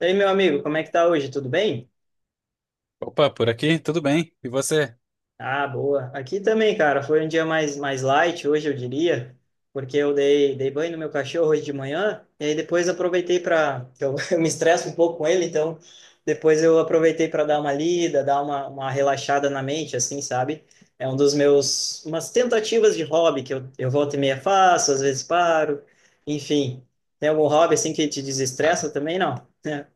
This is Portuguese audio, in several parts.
E aí, meu amigo, como é que tá hoje? Tudo bem? Opa, por aqui, tudo bem? E você? Ah, boa. Aqui também, cara, foi um dia mais light hoje, eu diria, porque eu dei banho no meu cachorro hoje de manhã, e aí depois aproveitei para. Eu, eu me estresso um pouco com ele, então depois eu aproveitei para dar uma lida, dar uma relaxada na mente, assim, sabe? É um dos meus. Umas tentativas de hobby que eu volta e meia faço, às vezes paro, enfim. Tem algum hobby assim que te Ah, desestressa também? Não?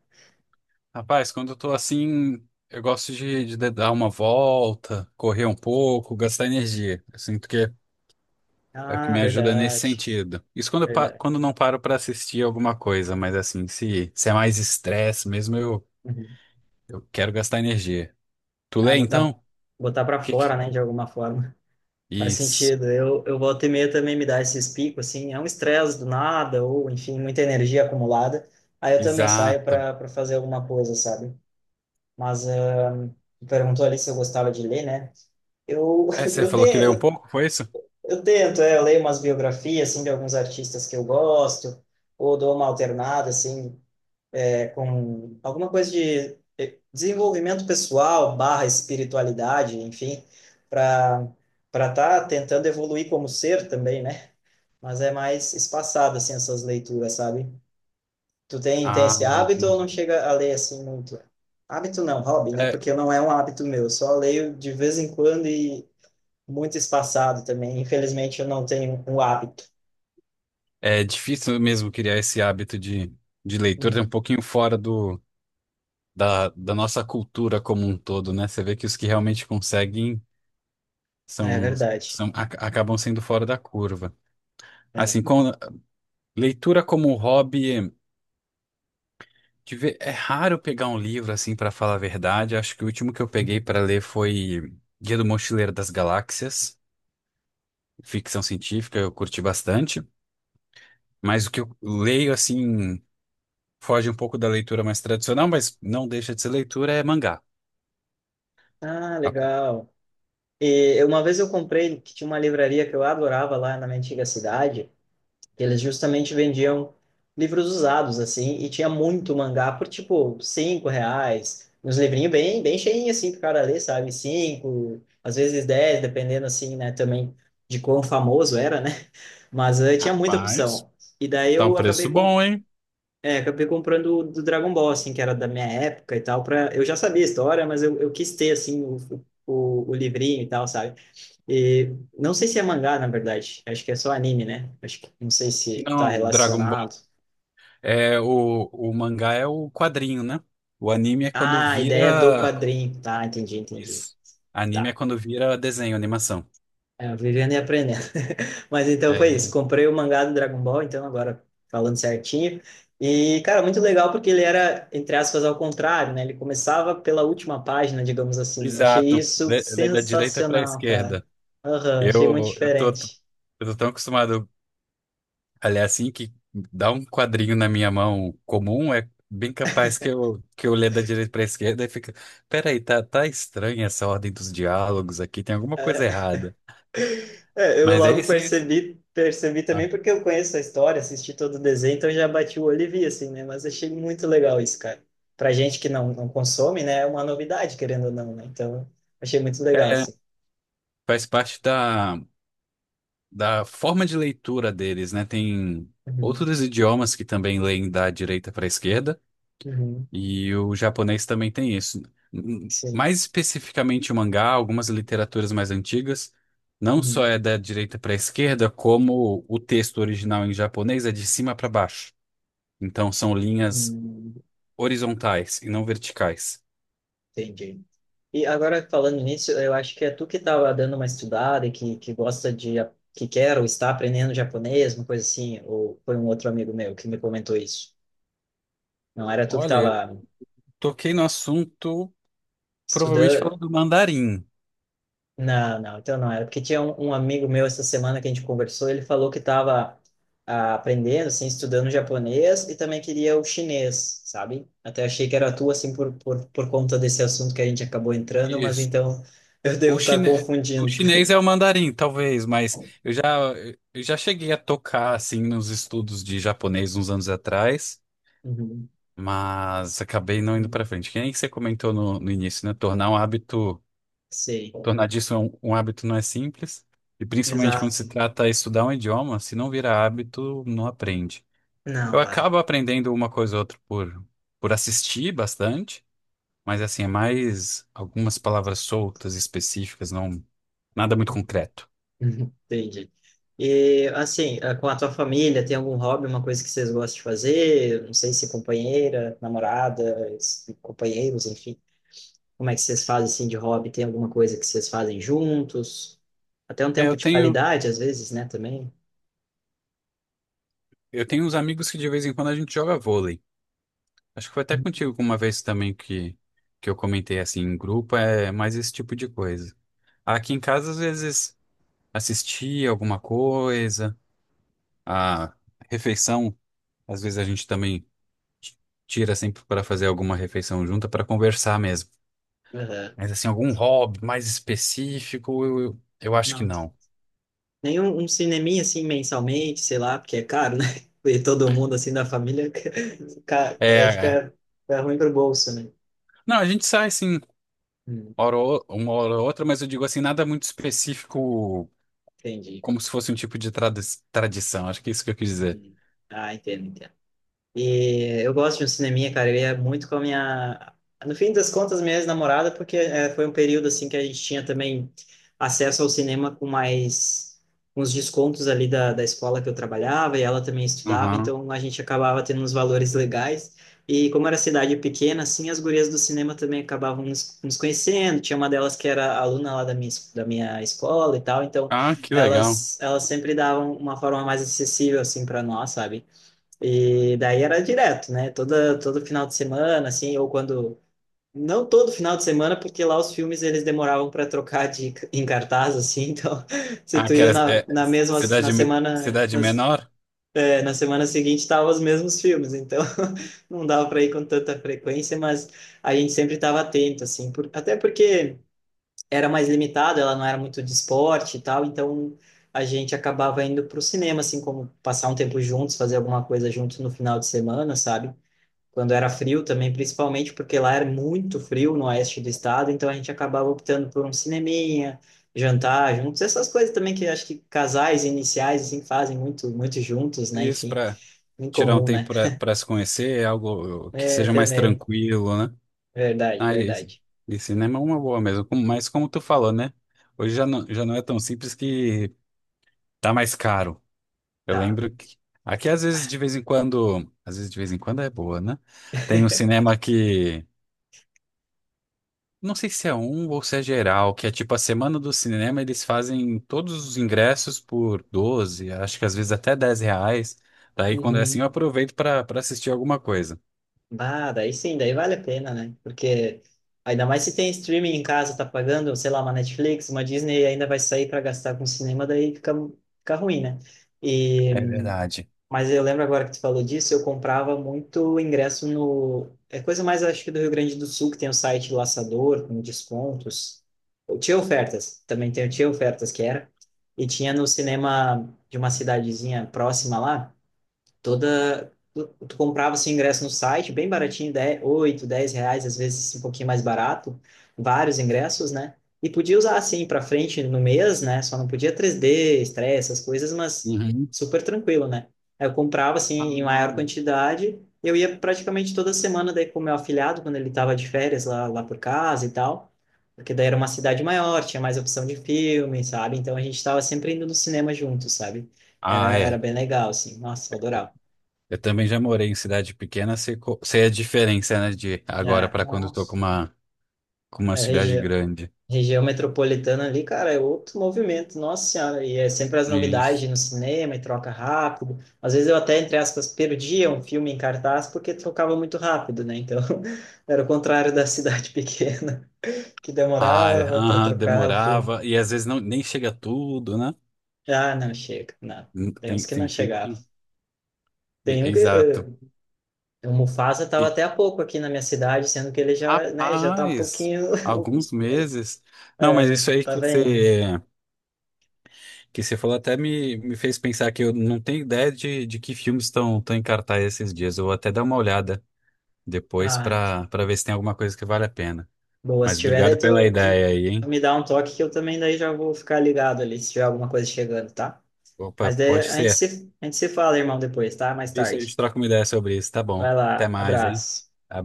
rapaz, quando eu tô assim, eu gosto de dar uma volta, correr um pouco, gastar energia. Eu sinto que é o que Ah, me ajuda nesse verdade, sentido. Isso quando, verdade. quando não paro pra assistir alguma coisa, mas assim, se é mais estresse mesmo, Uhum. eu quero gastar energia. Tu Ah, lê botar, então? botar para Que fora, que- né, de alguma forma. Faz Isso, sentido. Eu volta e meia também me dá esses picos, assim, é um estresse do nada, ou, enfim, muita energia acumulada. Aí eu também saio exato. para para fazer alguma coisa, sabe? Mas tu perguntou ali se eu gostava de ler, né? Eu, É, você eu, te, falou que lê um pouco, foi isso? eu tento, eu leio umas biografias, assim, de alguns artistas que eu gosto, ou dou uma alternada, assim com alguma coisa de desenvolvimento pessoal, barra espiritualidade, enfim, para para estar tá tentando evoluir como ser também, né? Mas é mais espaçado, assim, essas leituras, sabe? Tu tem Ah, esse hábito ou não entendi. chega a ler, assim, muito? Hábito não, hobby, né? É, Porque não é um hábito meu, eu só leio de vez em quando e muito espaçado também. Infelizmente, eu não tenho um hábito. é difícil mesmo criar esse hábito de leitura, é um Uhum. pouquinho fora do da nossa cultura como um todo, né? Você vê que os que realmente conseguem É são, verdade. são acabam sendo fora da curva. É. Assim, com leitura como hobby, é raro pegar um livro assim para falar a verdade. Acho que o último que eu peguei Uhum. para ler foi Guia do Mochileiro das Galáxias, ficção científica, eu curti bastante. Mas o que eu leio assim foge um pouco da leitura mais tradicional, mas não deixa de ser leitura, é mangá. Ah, legal. E uma vez eu comprei, que tinha uma livraria que eu adorava lá na minha antiga cidade, que eles justamente vendiam livros usados, assim, e tinha muito mangá por, tipo, cinco reais, uns livrinhos bem cheinhos, assim, pro cara ler, sabe? Cinco, às vezes dez, dependendo, assim, né, também de quão famoso era, né? Mas tinha muita Rapaz, opção. E daí tá um eu acabei, preço com, bom, hein? Acabei comprando o do Dragon Ball, assim, que era da minha época e tal, pra... Eu já sabia a história, mas eu quis ter, assim, o livrinho e tal, sabe? E não sei se é mangá, na verdade. Acho que é só anime, né? Acho que não sei se tá Não, Dragon relacionado. Ball. É, o mangá é o quadrinho, né? O anime é quando Ah, a ideia do vira. quadrinho. Tá, entendi, entendi. Isso. Anime é Tá. quando vira desenho, animação. É, vivendo e aprendendo. Mas então foi isso. É, Comprei o mangá do Dragon Ball, então agora falando certinho. E, cara, muito legal porque ele era, entre aspas, ao contrário, né? Ele começava pela última página, digamos assim. Eu achei exato. isso Da direita para a sensacional, cara. esquerda. Aham, achei muito Eu, eu tô, diferente. eu tô tão acostumado a ler assim que dá um quadrinho na minha mão comum, é bem capaz que eu ler da direita para a esquerda e fica. Peraí, tá estranha essa ordem dos diálogos aqui, tem alguma coisa É. errada. É, eu Mas aí logo sim. Percebi também porque eu conheço a história, assisti todo o desenho, então eu já bati o olho e vi, assim, né? Mas achei muito legal isso, cara. Pra gente que não consome, né? É uma novidade, querendo ou não, né? Então, achei muito legal, É, assim. faz parte da. Da forma de leitura deles, né? Tem Uhum, outros idiomas que também leem da direita para a esquerda, uhum, e o japonês também tem isso. Sim. mais especificamente o mangá, algumas literaturas mais antigas, não só Uhum, é da direita para a esquerda, como o texto original em japonês é de cima para baixo. Então são linhas uhum, horizontais e não verticais. entendi. E agora, falando nisso, eu acho que é tu que estava dando uma estudada e que gosta de... que quer ou está aprendendo japonês, uma coisa assim, ou foi um outro amigo meu que me comentou isso. Não era tu que Olha, tava toquei no assunto provavelmente estudando... falando do mandarim. Não, não, então não era. Porque tinha um amigo meu essa semana que a gente conversou, ele falou que estava aprendendo, assim, estudando japonês e também queria o chinês, sabe? Até achei que era tu, assim, por conta desse assunto que a gente acabou entrando, mas Isso. então eu devo O estar chine... o confundindo. chinês é o mandarim, talvez, mas eu já cheguei a tocar assim nos estudos de japonês uns anos atrás, Uhum, mas acabei não indo uhum. pra frente. Que nem você comentou no início, né? Tornar um hábito, Sei. tornar disso um hábito não é simples, e principalmente quando se Exato. trata de estudar um idioma, se não vira hábito, não aprende. Eu Não, vai. acabo aprendendo uma coisa ou outra por assistir bastante, mas assim, é mais algumas palavras soltas, específicas, não, nada muito concreto. Uhum. Entendi. E assim, com a tua família, tem algum hobby, uma coisa que vocês gostam de fazer? Não sei se companheira, namorada, companheiros, enfim. Como é que vocês fazem assim de hobby? Tem alguma coisa que vocês fazem juntos? Até um É, tempo eu de tenho, qualidade, às vezes, né, também. eu tenho uns amigos que de vez em quando a gente joga vôlei. Acho que foi até contigo uma vez também que eu comentei assim em grupo, é mais esse tipo de coisa. Aqui em casa, às vezes, assistir alguma coisa, a refeição, às vezes a gente também t- tira sempre para fazer alguma refeição junta para conversar mesmo. Aham. Mas assim, algum hobby mais específico, eu eu acho que Não, t- não. Nenhum um cineminha assim mensalmente, sei lá, porque é caro, né? E todo mundo assim da família, É, aí é. fica, fica ruim pro bolso, né? Não, a gente sai assim, Hum, uma hora ou outra, mas eu digo assim, nada muito específico entendi. como se fosse um tipo de tradição, acho que é isso que eu quis dizer. Uhum. Ah, entendo, entendo. E eu gosto de um cineminha, cara. Eu ia muito com a minha. No fim das contas, minha ex-namorada, porque foi um período assim que a gente tinha também acesso ao cinema com mais uns descontos ali da escola que eu trabalhava e ela também estudava, Aham. então a gente acabava tendo uns valores legais. E como era cidade pequena, assim, as gurias do cinema também acabavam nos conhecendo. Tinha uma delas que era aluna lá da da minha escola e tal, então Ah, que legal. Elas sempre davam uma forma mais acessível assim para nós, sabe? E daí era direto, né? Todo final de semana, assim, ou quando. Não todo final de semana, porque lá os filmes eles demoravam para trocar de, em cartaz, assim, então se Ah, tu que ia era, na, é na mesma, na cidade, semana, cidade na, menor? Na semana seguinte estavam os mesmos filmes, então não dava para ir com tanta frequência, mas a gente sempre estava atento, assim, por, até porque era mais limitado, ela não era muito de esporte e tal, então a gente acabava indo para o cinema, assim, como passar um tempo juntos, fazer alguma coisa juntos no final de semana, sabe? Quando era frio também, principalmente porque lá era muito frio no oeste do estado, então a gente acabava optando por um cineminha, jantar juntos, essas coisas também que acho que casais iniciais, assim, fazem muito juntos, né? Isso, Enfim, para em tirar um comum, né? tempo para se conhecer, é algo que É, seja mais também. tranquilo, né? Verdade, Ah, verdade. e cinema é uma boa mesmo, mas como tu falou, né? Hoje já não é tão simples que tá mais caro. Eu Tá. lembro que aqui às vezes de vez em quando é boa, né? Tem um cinema que. Não sei se é um ou se é geral, que é tipo a semana do cinema, eles fazem todos os ingressos por 12. Acho que às vezes até R$ 10. Daí quando é assim eu Uhum. aproveito para assistir alguma coisa. Bah, daí sim, daí vale a pena, né? Porque ainda mais se tem streaming em casa, tá pagando, sei lá, uma Netflix, uma Disney, ainda vai sair para gastar com cinema, daí fica, fica ruim, né? É E, verdade. mas eu lembro agora que tu falou disso, eu comprava muito ingresso no. É coisa mais, acho que do Rio Grande do Sul, que tem o site Laçador, com descontos. Eu tinha ofertas, também tem, tinha ofertas que era. E tinha no cinema de uma cidadezinha próxima lá toda. Tu comprava seu ingresso no site, bem baratinho, 10 8 10 reais, às vezes assim, um pouquinho mais barato, vários ingressos, né? E podia usar assim para frente no mês, né? Só não podia 3D, estresse, essas coisas, mas Uhum. super tranquilo, né? Aí eu comprava assim em Ah, maior quantidade, eu ia praticamente toda semana daí com o meu afilhado, quando ele tava de férias lá por casa e tal, porque daí era uma cidade maior, tinha mais opção de filme, sabe? Então a gente estava sempre indo no cinema juntos, sabe? Era é. bem legal, assim. Nossa, eu adorava. Eu também já morei em cidade pequena, sei, sei a diferença, né, de agora É, para quando eu tô nossa. Com uma É cidade grande. região metropolitana ali, cara, é outro movimento, nossa senhora. E é sempre as Isso. novidades no cinema e troca rápido. Às vezes eu até, entre aspas, perdia um filme em cartaz porque trocava muito rápido, né? Então, era o contrário da cidade pequena, que Ah, é. demorava para Aham, trocar o filme. demorava. E às vezes não, nem chega tudo, né? Ah, não chega, não. Tem uns que não Tem filme chegavam. que. Tem um que. Exato. O Mufasa estava até há pouco aqui na minha cidade, sendo que ele já, né, já tá um Rapaz, pouquinho. alguns meses. Não, mas já isso aí tá bem. Que você falou até me fez pensar que eu não tenho ideia de que filmes estão em cartaz esses dias. Eu vou até dar uma olhada depois ah, para ver se tem alguma coisa que vale a pena. Boa, se Mas tiver, daí obrigado pela tu ideia aí, hein? me dá um toque que eu também daí já vou ficar ligado ali, se tiver alguma coisa chegando, tá? Opa, Mas daí pode ser. A gente se fala, irmão, depois, tá? Mais Isso a gente tarde. troca uma ideia sobre isso, tá bom. Vai Até lá, mais, hein? abraço.